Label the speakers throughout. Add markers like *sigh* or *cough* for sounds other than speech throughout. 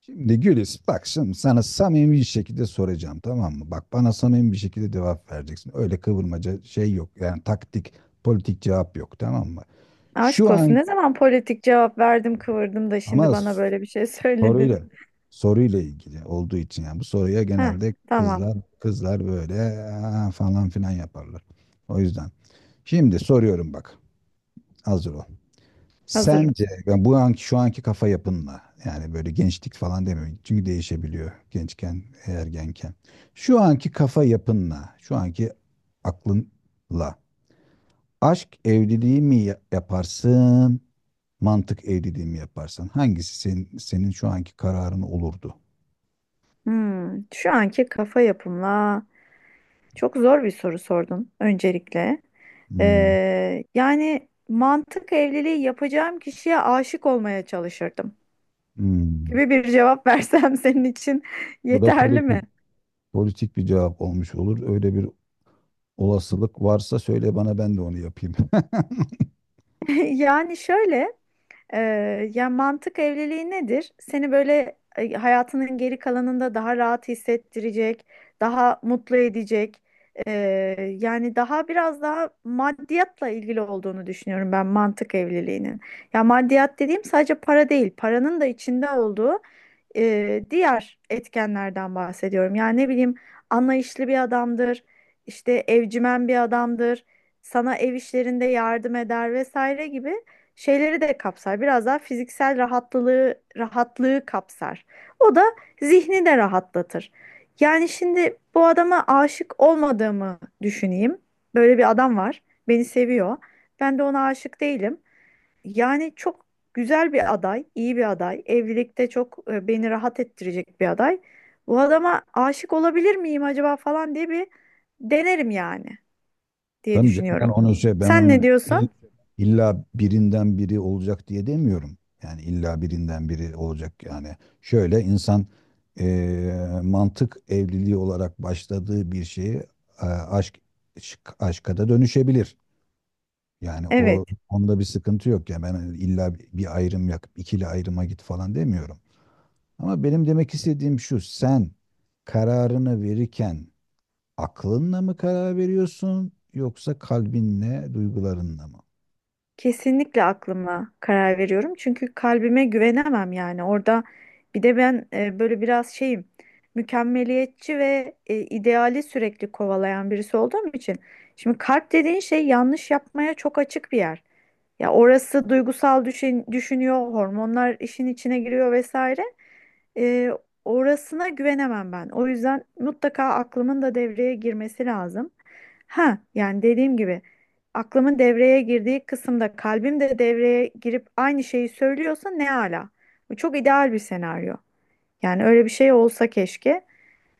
Speaker 1: Şimdi Gülis bak şimdi sana samimi bir şekilde soracağım, tamam mı? Bak bana samimi bir şekilde cevap vereceksin. Öyle kıvırmaca şey yok. Yani taktik, politik cevap yok, tamam mı? Şu
Speaker 2: Aşk olsun.
Speaker 1: an
Speaker 2: Ne zaman politik cevap verdim kıvırdım da şimdi
Speaker 1: ama
Speaker 2: bana böyle bir şey *laughs*
Speaker 1: soruyla
Speaker 2: söyledin.
Speaker 1: soruyla ilgili olduğu için, yani bu soruya
Speaker 2: Heh,
Speaker 1: genelde
Speaker 2: tamam.
Speaker 1: kızlar böyle "Aa," falan filan yaparlar. O yüzden şimdi soruyorum bak. Hazır ol.
Speaker 2: Hazırım.
Speaker 1: Sence yani bu anki şu anki kafa yapınla, yani böyle gençlik falan demiyorum. Çünkü değişebiliyor gençken, ergenken. Şu anki kafa yapınla, şu anki aklınla aşk evliliği mi yaparsın, mantık evliliği mi yaparsın? Hangisi senin, senin şu anki kararın olurdu?
Speaker 2: Şu anki kafa yapımla çok zor bir soru sordun öncelikle.
Speaker 1: Hmm,
Speaker 2: Yani mantık evliliği yapacağım kişiye aşık olmaya çalışırdım
Speaker 1: hmm.
Speaker 2: gibi bir cevap versem *laughs* senin için
Speaker 1: Bu da
Speaker 2: yeterli
Speaker 1: politik
Speaker 2: mi?
Speaker 1: politik bir cevap olmuş olur. Öyle bir olasılık varsa söyle bana, ben de onu yapayım. *laughs*
Speaker 2: *laughs* Yani şöyle. Ya mantık evliliği nedir? Seni böyle hayatının geri kalanında daha rahat hissettirecek, daha mutlu edecek. e, yani daha biraz daha maddiyatla ilgili olduğunu düşünüyorum ben mantık evliliğinin. Ya maddiyat dediğim sadece para değil, paranın da içinde olduğu diğer etkenlerden bahsediyorum. Yani ne bileyim anlayışlı bir adamdır, işte evcimen bir adamdır, sana ev işlerinde yardım eder vesaire gibi şeyleri de kapsar. Biraz daha fiziksel rahatlığı kapsar. O da zihni de rahatlatır. Yani şimdi bu adama aşık olmadığımı düşüneyim. Böyle bir adam var. Beni seviyor. Ben de ona aşık değilim. Yani çok güzel bir aday, iyi bir aday. Evlilikte çok beni rahat ettirecek bir aday. Bu adama aşık olabilir miyim acaba falan diye bir denerim yani diye
Speaker 1: Tabii canım, ben
Speaker 2: düşünüyorum.
Speaker 1: onu şey, ben
Speaker 2: Sen ne
Speaker 1: onu
Speaker 2: diyorsun?
Speaker 1: illa birinden biri olacak diye demiyorum. Yani illa birinden biri olacak yani. Şöyle insan mantık evliliği olarak başladığı bir şeyi aşk aşka da dönüşebilir. Yani o
Speaker 2: Evet.
Speaker 1: onda bir sıkıntı yok ya, ben illa bir ayrım yap, ikili ayrıma git falan demiyorum. Ama benim demek istediğim şu: sen kararını verirken aklınla mı karar veriyorsun, yoksa kalbinle, duygularınla mı?
Speaker 2: Kesinlikle aklıma karar veriyorum. Çünkü kalbime güvenemem yani. Orada bir de ben böyle biraz şeyim, mükemmeliyetçi ve ideali sürekli kovalayan birisi olduğum için. Şimdi kalp dediğin şey yanlış yapmaya çok açık bir yer. Ya orası duygusal düşünüyor, hormonlar işin içine giriyor vesaire. Ee, orasına güvenemem ben. O yüzden mutlaka aklımın da devreye girmesi lazım. Ha, yani dediğim gibi aklımın devreye girdiği kısımda kalbim de devreye girip aynı şeyi söylüyorsa ne ala. Bu çok ideal bir senaryo. Yani öyle bir şey olsa keşke.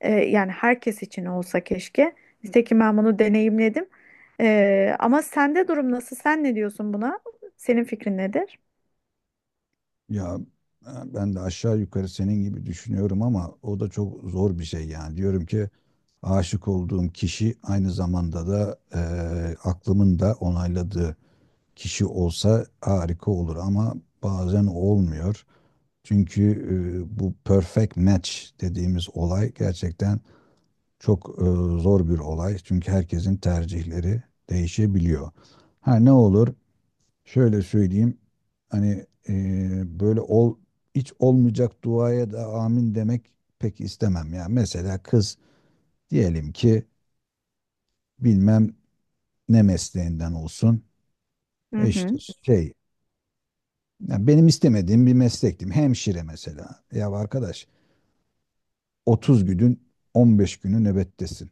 Speaker 2: Yani herkes için olsa keşke. Nitekim ben bunu deneyimledim. Ama sende durum nasıl? Sen ne diyorsun buna? Senin fikrin nedir?
Speaker 1: Ya ben de aşağı yukarı senin gibi düşünüyorum ama o da çok zor bir şey yani. Diyorum ki aşık olduğum kişi aynı zamanda da aklımın da onayladığı kişi olsa harika olur ama bazen olmuyor. Çünkü bu perfect match dediğimiz olay gerçekten çok zor bir olay, çünkü herkesin tercihleri değişebiliyor. Ha ne olur? Şöyle söyleyeyim. Hani böyle ol hiç olmayacak duaya da amin demek pek istemem ya. Mesela kız diyelim ki bilmem ne mesleğinden olsun.
Speaker 2: Hı
Speaker 1: E işte
Speaker 2: hı.
Speaker 1: şey, ya benim istemediğim bir meslektim. Hemşire mesela. Ya arkadaş, 30 günün 15 günü nöbettesin.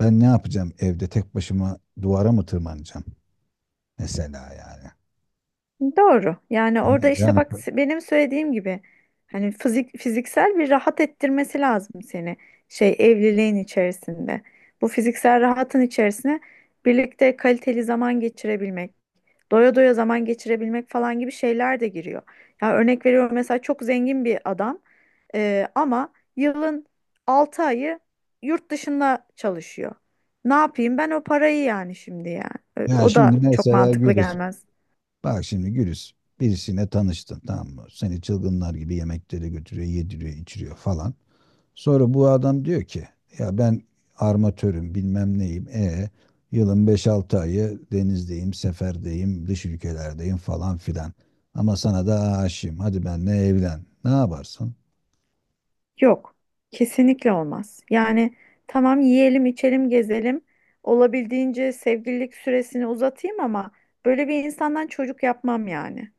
Speaker 1: Ben ne yapacağım evde tek başıma, duvara mı tırmanacağım? Mesela yani.
Speaker 2: Doğru. Yani
Speaker 1: Yani,
Speaker 2: orada işte
Speaker 1: yani,
Speaker 2: bak benim söylediğim gibi hani fiziksel bir rahat ettirmesi lazım seni şey evliliğin içerisinde. Bu fiziksel rahatın içerisine birlikte kaliteli zaman geçirebilmek, doya doya zaman geçirebilmek falan gibi şeyler de giriyor. Ya örnek veriyorum mesela çok zengin bir adam ama yılın 6 ayı yurt dışında çalışıyor. Ne yapayım ben o parayı yani şimdi yani. E,
Speaker 1: yani
Speaker 2: O
Speaker 1: şimdi
Speaker 2: da çok
Speaker 1: mesela
Speaker 2: mantıklı
Speaker 1: Gülis,
Speaker 2: gelmez.
Speaker 1: bak şimdi Gülis, birisiyle tanıştın tamam mı? Seni çılgınlar gibi yemeklere götürüyor, yediriyor, içiriyor falan. Sonra bu adam diyor ki ya ben armatörüm bilmem neyim. E yılın beş altı ayı denizdeyim, seferdeyim, dış ülkelerdeyim falan filan. Ama sana da aşığım. Hadi benimle evlen. Ne yaparsın?
Speaker 2: Yok, kesinlikle olmaz. Yani tamam yiyelim, içelim, gezelim. Olabildiğince sevgililik süresini uzatayım ama böyle bir insandan çocuk yapmam yani.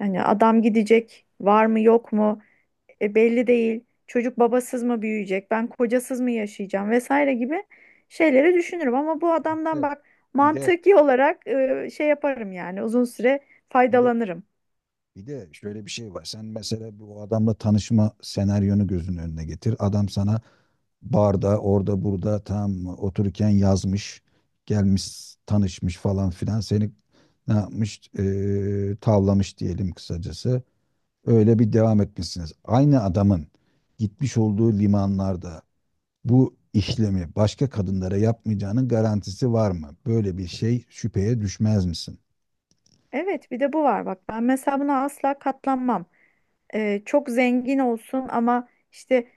Speaker 2: Yani adam gidecek, var mı yok mu belli değil. Çocuk babasız mı büyüyecek, ben kocasız mı yaşayacağım vesaire gibi şeyleri düşünürüm. Ama bu adamdan
Speaker 1: Evet,
Speaker 2: bak
Speaker 1: bir de
Speaker 2: mantıki olarak şey yaparım yani uzun süre faydalanırım.
Speaker 1: bir de şöyle bir şey var. Sen mesela bu adamla tanışma senaryonu gözünün önüne getir. Adam sana barda, orada, burada tam otururken yazmış, gelmiş, tanışmış falan filan. Seni ne yapmış? Tavlamış diyelim kısacası. Öyle bir devam etmişsiniz. Aynı adamın gitmiş olduğu limanlarda bu işlemi başka kadınlara yapmayacağının garantisi var mı? Böyle bir şey şüpheye düşmez misin?
Speaker 2: Evet, bir de bu var bak ben mesela buna asla katlanmam. Çok zengin olsun ama işte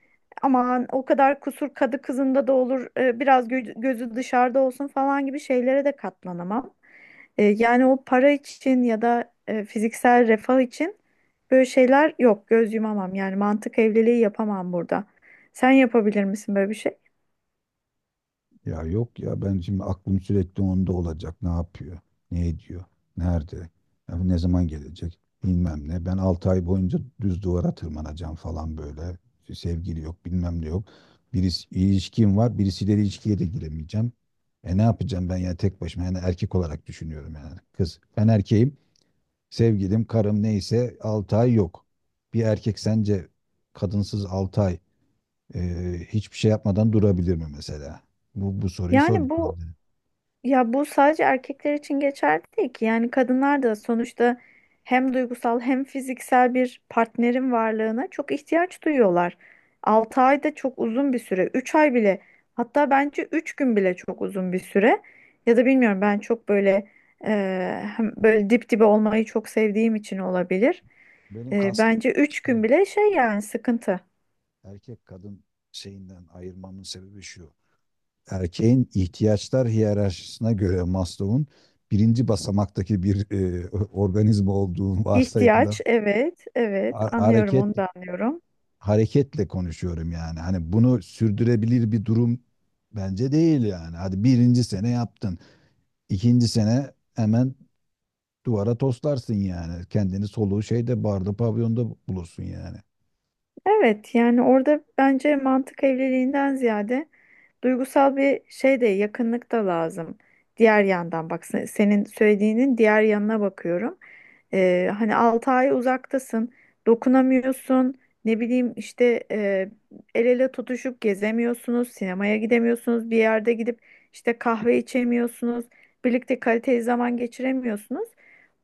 Speaker 2: aman o kadar kusur kadı kızında da olur biraz gözü dışarıda olsun falan gibi şeylere de katlanamam. Yani o para için ya da fiziksel refah için böyle şeyler yok göz yumamam yani mantık evliliği yapamam burada. Sen yapabilir misin böyle bir şey?
Speaker 1: Ya yok ya, ben şimdi aklım sürekli onda olacak. Ne yapıyor? Ne ediyor? Nerede? Ya ne zaman gelecek? Bilmem ne. Ben 6 ay boyunca düz duvara tırmanacağım falan böyle. Sevgili yok, bilmem ne yok. Birisi ilişkim var, birisiyle ilişkiye de giremeyeceğim. E ne yapacağım ben ya tek başıma? Yani erkek olarak düşünüyorum yani. Kız, ben erkeğim, sevgilim, karım neyse 6 ay yok. Bir erkek sence kadınsız 6 ay hiçbir şey yapmadan durabilir mi mesela? Bu soruyu sor bir
Speaker 2: Yani bu
Speaker 1: kendine.
Speaker 2: Ya bu sadece erkekler için geçerli değil ki. Yani kadınlar da sonuçta hem duygusal hem fiziksel bir partnerin varlığına çok ihtiyaç duyuyorlar. 6 ay da çok uzun bir süre. 3 ay bile hatta bence 3 gün bile çok uzun bir süre. Ya da bilmiyorum ben çok böyle hem böyle dip dibe olmayı çok sevdiğim için olabilir.
Speaker 1: Benim
Speaker 2: E,
Speaker 1: kastım
Speaker 2: bence 3 gün
Speaker 1: şey,
Speaker 2: bile şey yani sıkıntı.
Speaker 1: erkek kadın şeyinden ayırmamın sebebi şu. Erkeğin ihtiyaçlar hiyerarşisine göre Maslow'un birinci basamaktaki bir *laughs* organizma olduğu varsayımda,
Speaker 2: İhtiyaç evet evet
Speaker 1: ha-
Speaker 2: anlıyorum
Speaker 1: hareket
Speaker 2: onu da anlıyorum.
Speaker 1: hareketle konuşuyorum yani. Hani bunu sürdürebilir bir durum bence değil yani. Hadi birinci sene yaptın. İkinci sene hemen duvara toslarsın yani. Kendini soluğu şeyde, barda, pavyonda bulursun yani.
Speaker 2: Evet yani orada bence mantık evliliğinden ziyade duygusal bir şey de yakınlık da lazım. Diğer yandan bak senin söylediğinin diğer yanına bakıyorum. Hani 6 ay uzaktasın, dokunamıyorsun, ne bileyim işte el ele tutuşup gezemiyorsunuz, sinemaya gidemiyorsunuz, bir yerde gidip işte kahve içemiyorsunuz, birlikte kaliteli zaman geçiremiyorsunuz.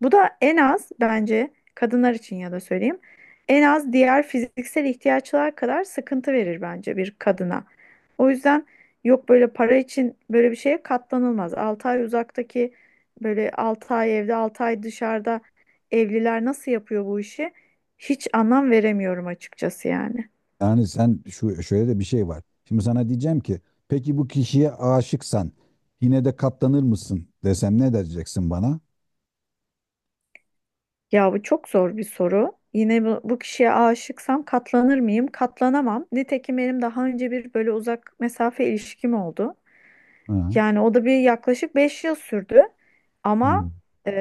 Speaker 2: Bu da en az bence kadınlar için ya da söyleyeyim en az diğer fiziksel ihtiyaçlar kadar sıkıntı verir bence bir kadına. O yüzden yok böyle para için böyle bir şeye katlanılmaz. 6 ay uzaktaki böyle 6 ay evde 6 ay dışarıda evliler nasıl yapıyor bu işi? Hiç anlam veremiyorum açıkçası yani.
Speaker 1: Yani sen şu şöyle de bir şey var. Şimdi sana diyeceğim ki peki bu kişiye aşıksan yine de katlanır mısın desem, ne diyeceksin bana?
Speaker 2: Ya bu çok zor bir soru. Yine bu kişiye aşıksam katlanır mıyım? Katlanamam. Nitekim benim daha önce bir böyle uzak mesafe ilişkim oldu.
Speaker 1: Ha.
Speaker 2: Yani o da bir yaklaşık 5 yıl sürdü
Speaker 1: hı.
Speaker 2: ama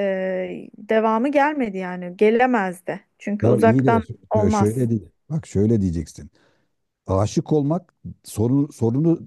Speaker 2: devamı gelmedi yani gelemezdi. Çünkü
Speaker 1: Ya iyi de
Speaker 2: uzaktan olmaz.
Speaker 1: şöyle değil. Bak şöyle diyeceksin. Aşık olmak sorunu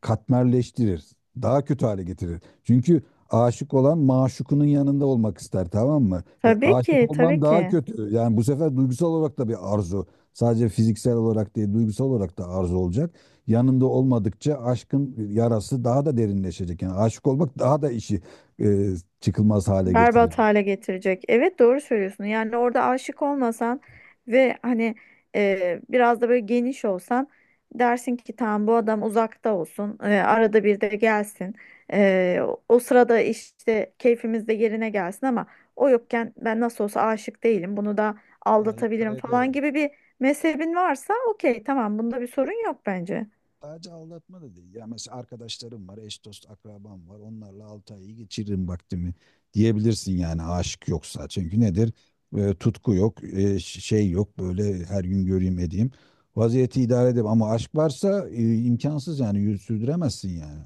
Speaker 1: katmerleştirir. Daha kötü hale getirir. Çünkü aşık olan maşukunun yanında olmak ister, tamam mı? E,
Speaker 2: Tabii
Speaker 1: aşık
Speaker 2: ki,
Speaker 1: olman
Speaker 2: tabii
Speaker 1: daha
Speaker 2: ki.
Speaker 1: kötü. Yani bu sefer duygusal olarak da bir arzu. Sadece fiziksel olarak değil, duygusal olarak da arzu olacak. Yanında olmadıkça aşkın yarası daha da derinleşecek. Yani aşık olmak daha da işi e, çıkılmaz hale getirir.
Speaker 2: Berbat hale getirecek. Evet doğru söylüyorsun. Yani orada aşık olmasan ve hani biraz da böyle geniş olsan dersin ki tamam bu adam uzakta olsun. Arada bir de gelsin. E, o sırada işte keyfimiz de yerine gelsin ama o yokken ben nasıl olsa aşık değilim. Bunu da
Speaker 1: Ha, idare
Speaker 2: aldatabilirim falan
Speaker 1: ederim.
Speaker 2: gibi bir mezhebin varsa okey tamam bunda bir sorun yok bence.
Speaker 1: Sadece aldatma da değil. Ya mesela arkadaşlarım var, eş dost akrabam var. Onlarla 6 ayı geçiririm vaktimi diyebilirsin yani aşık yoksa. Çünkü nedir? E, tutku yok, şey yok. Böyle her gün göreyim edeyim. Vaziyeti idare edeyim ama aşk varsa imkansız yani sürdüremezsin yani.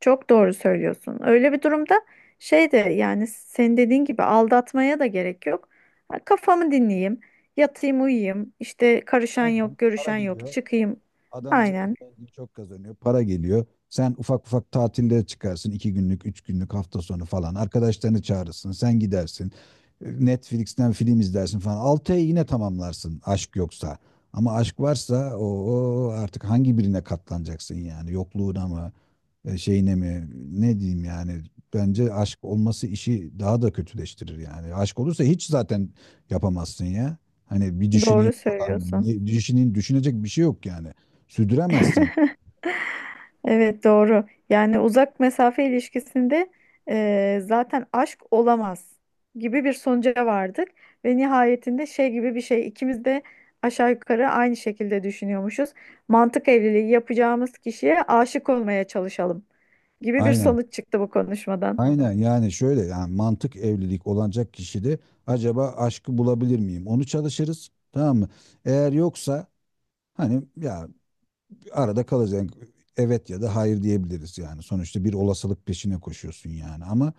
Speaker 2: Çok doğru söylüyorsun. Öyle bir durumda şey de yani senin dediğin gibi aldatmaya da gerek yok. Ha, kafamı dinleyeyim, yatayım uyuyayım, işte karışan
Speaker 1: Aynen.
Speaker 2: yok,
Speaker 1: Para
Speaker 2: görüşen yok,
Speaker 1: geliyor.
Speaker 2: çıkayım.
Speaker 1: Adam
Speaker 2: Aynen
Speaker 1: zengin, çok kazanıyor, para geliyor. Sen ufak ufak tatillere çıkarsın, iki günlük, üç günlük hafta sonu falan. Arkadaşlarını çağırırsın, sen gidersin. Netflix'ten film izlersin falan. Altı ay yine tamamlarsın aşk yoksa. Ama aşk varsa o artık hangi birine katlanacaksın yani? Yokluğuna mı? E, şeyine mi, ne diyeyim yani, bence aşk olması işi daha da kötüleştirir yani. Aşk olursa hiç zaten yapamazsın ya. Hani bir düşüneyim
Speaker 2: doğru
Speaker 1: falan.
Speaker 2: söylüyorsun.
Speaker 1: Ne düşüneyim, düşünecek bir şey yok yani. Sürdüremezsin.
Speaker 2: Evet doğru. Yani uzak mesafe ilişkisinde zaten aşk olamaz gibi bir sonuca vardık ve nihayetinde şey gibi bir şey ikimiz de aşağı yukarı aynı şekilde düşünüyormuşuz. Mantık evliliği yapacağımız kişiye aşık olmaya çalışalım gibi bir
Speaker 1: Aynen.
Speaker 2: sonuç çıktı bu konuşmadan.
Speaker 1: Aynen yani şöyle, yani mantık evlilik olacak kişide acaba aşkı bulabilir miyim? Onu çalışırız, tamam mı? Eğer yoksa hani ya arada kalacak. Yani evet ya da hayır diyebiliriz yani. Sonuçta bir olasılık peşine koşuyorsun yani. Ama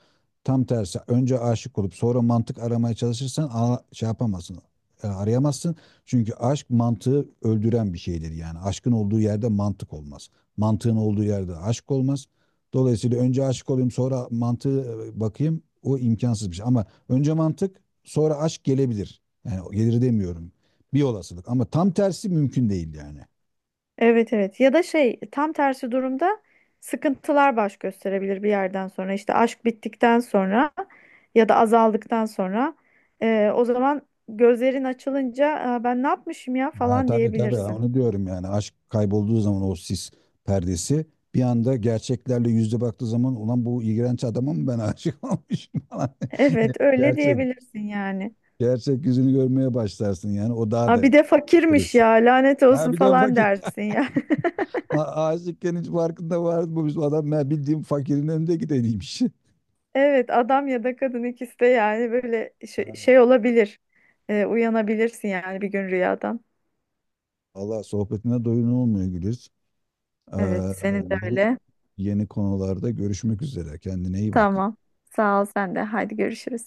Speaker 1: tam tersi önce aşık olup sonra mantık aramaya çalışırsan, şey yapamazsın. Arayamazsın. Çünkü aşk mantığı öldüren bir şeydir yani. Aşkın olduğu yerde mantık olmaz. Mantığın olduğu yerde aşk olmaz. Dolayısıyla önce aşık olayım sonra mantığı bakayım, o imkansız bir şey. Ama önce mantık sonra aşk gelebilir. Yani gelir demiyorum. Bir olasılık ama tam tersi mümkün değil yani.
Speaker 2: Evet evet ya da şey tam tersi durumda sıkıntılar baş gösterebilir bir yerden sonra işte aşk bittikten sonra ya da azaldıktan sonra o zaman gözlerin açılınca "Aa, ben ne yapmışım ya
Speaker 1: Ha,
Speaker 2: falan
Speaker 1: tabii tabii,
Speaker 2: diyebilirsin.
Speaker 1: onu
Speaker 2: *laughs*
Speaker 1: diyorum yani aşk kaybolduğu zaman o sis perdesi bir anda gerçeklerle yüzde baktığı zaman ulan bu iğrenç adama mı ben aşık *laughs* olmuşum falan. Yani
Speaker 2: Evet öyle diyebilirsin yani.
Speaker 1: Gerçek yüzünü görmeye başlarsın yani o daha
Speaker 2: Ha,
Speaker 1: da
Speaker 2: bir de fakirmiş
Speaker 1: kriz.
Speaker 2: ya lanet
Speaker 1: Ha
Speaker 2: olsun
Speaker 1: bir de bak,
Speaker 2: falan dersin
Speaker 1: *laughs*
Speaker 2: ya.
Speaker 1: aşıkken hiç farkında var mı, biz adam, ben bildiğim fakirin önünde gideniymiş. *laughs*
Speaker 2: *laughs* Evet adam ya da kadın ikisi de yani böyle şey,
Speaker 1: Yani
Speaker 2: şey olabilir. Uyanabilirsin yani bir gün rüyadan.
Speaker 1: Allah sohbetine doyun olmuyor Güliz. Ee,
Speaker 2: Evet senin de
Speaker 1: yeni,
Speaker 2: öyle.
Speaker 1: yeni konularda görüşmek üzere kendine iyi bak.
Speaker 2: Tamam. Sağ ol sen de. Haydi görüşürüz.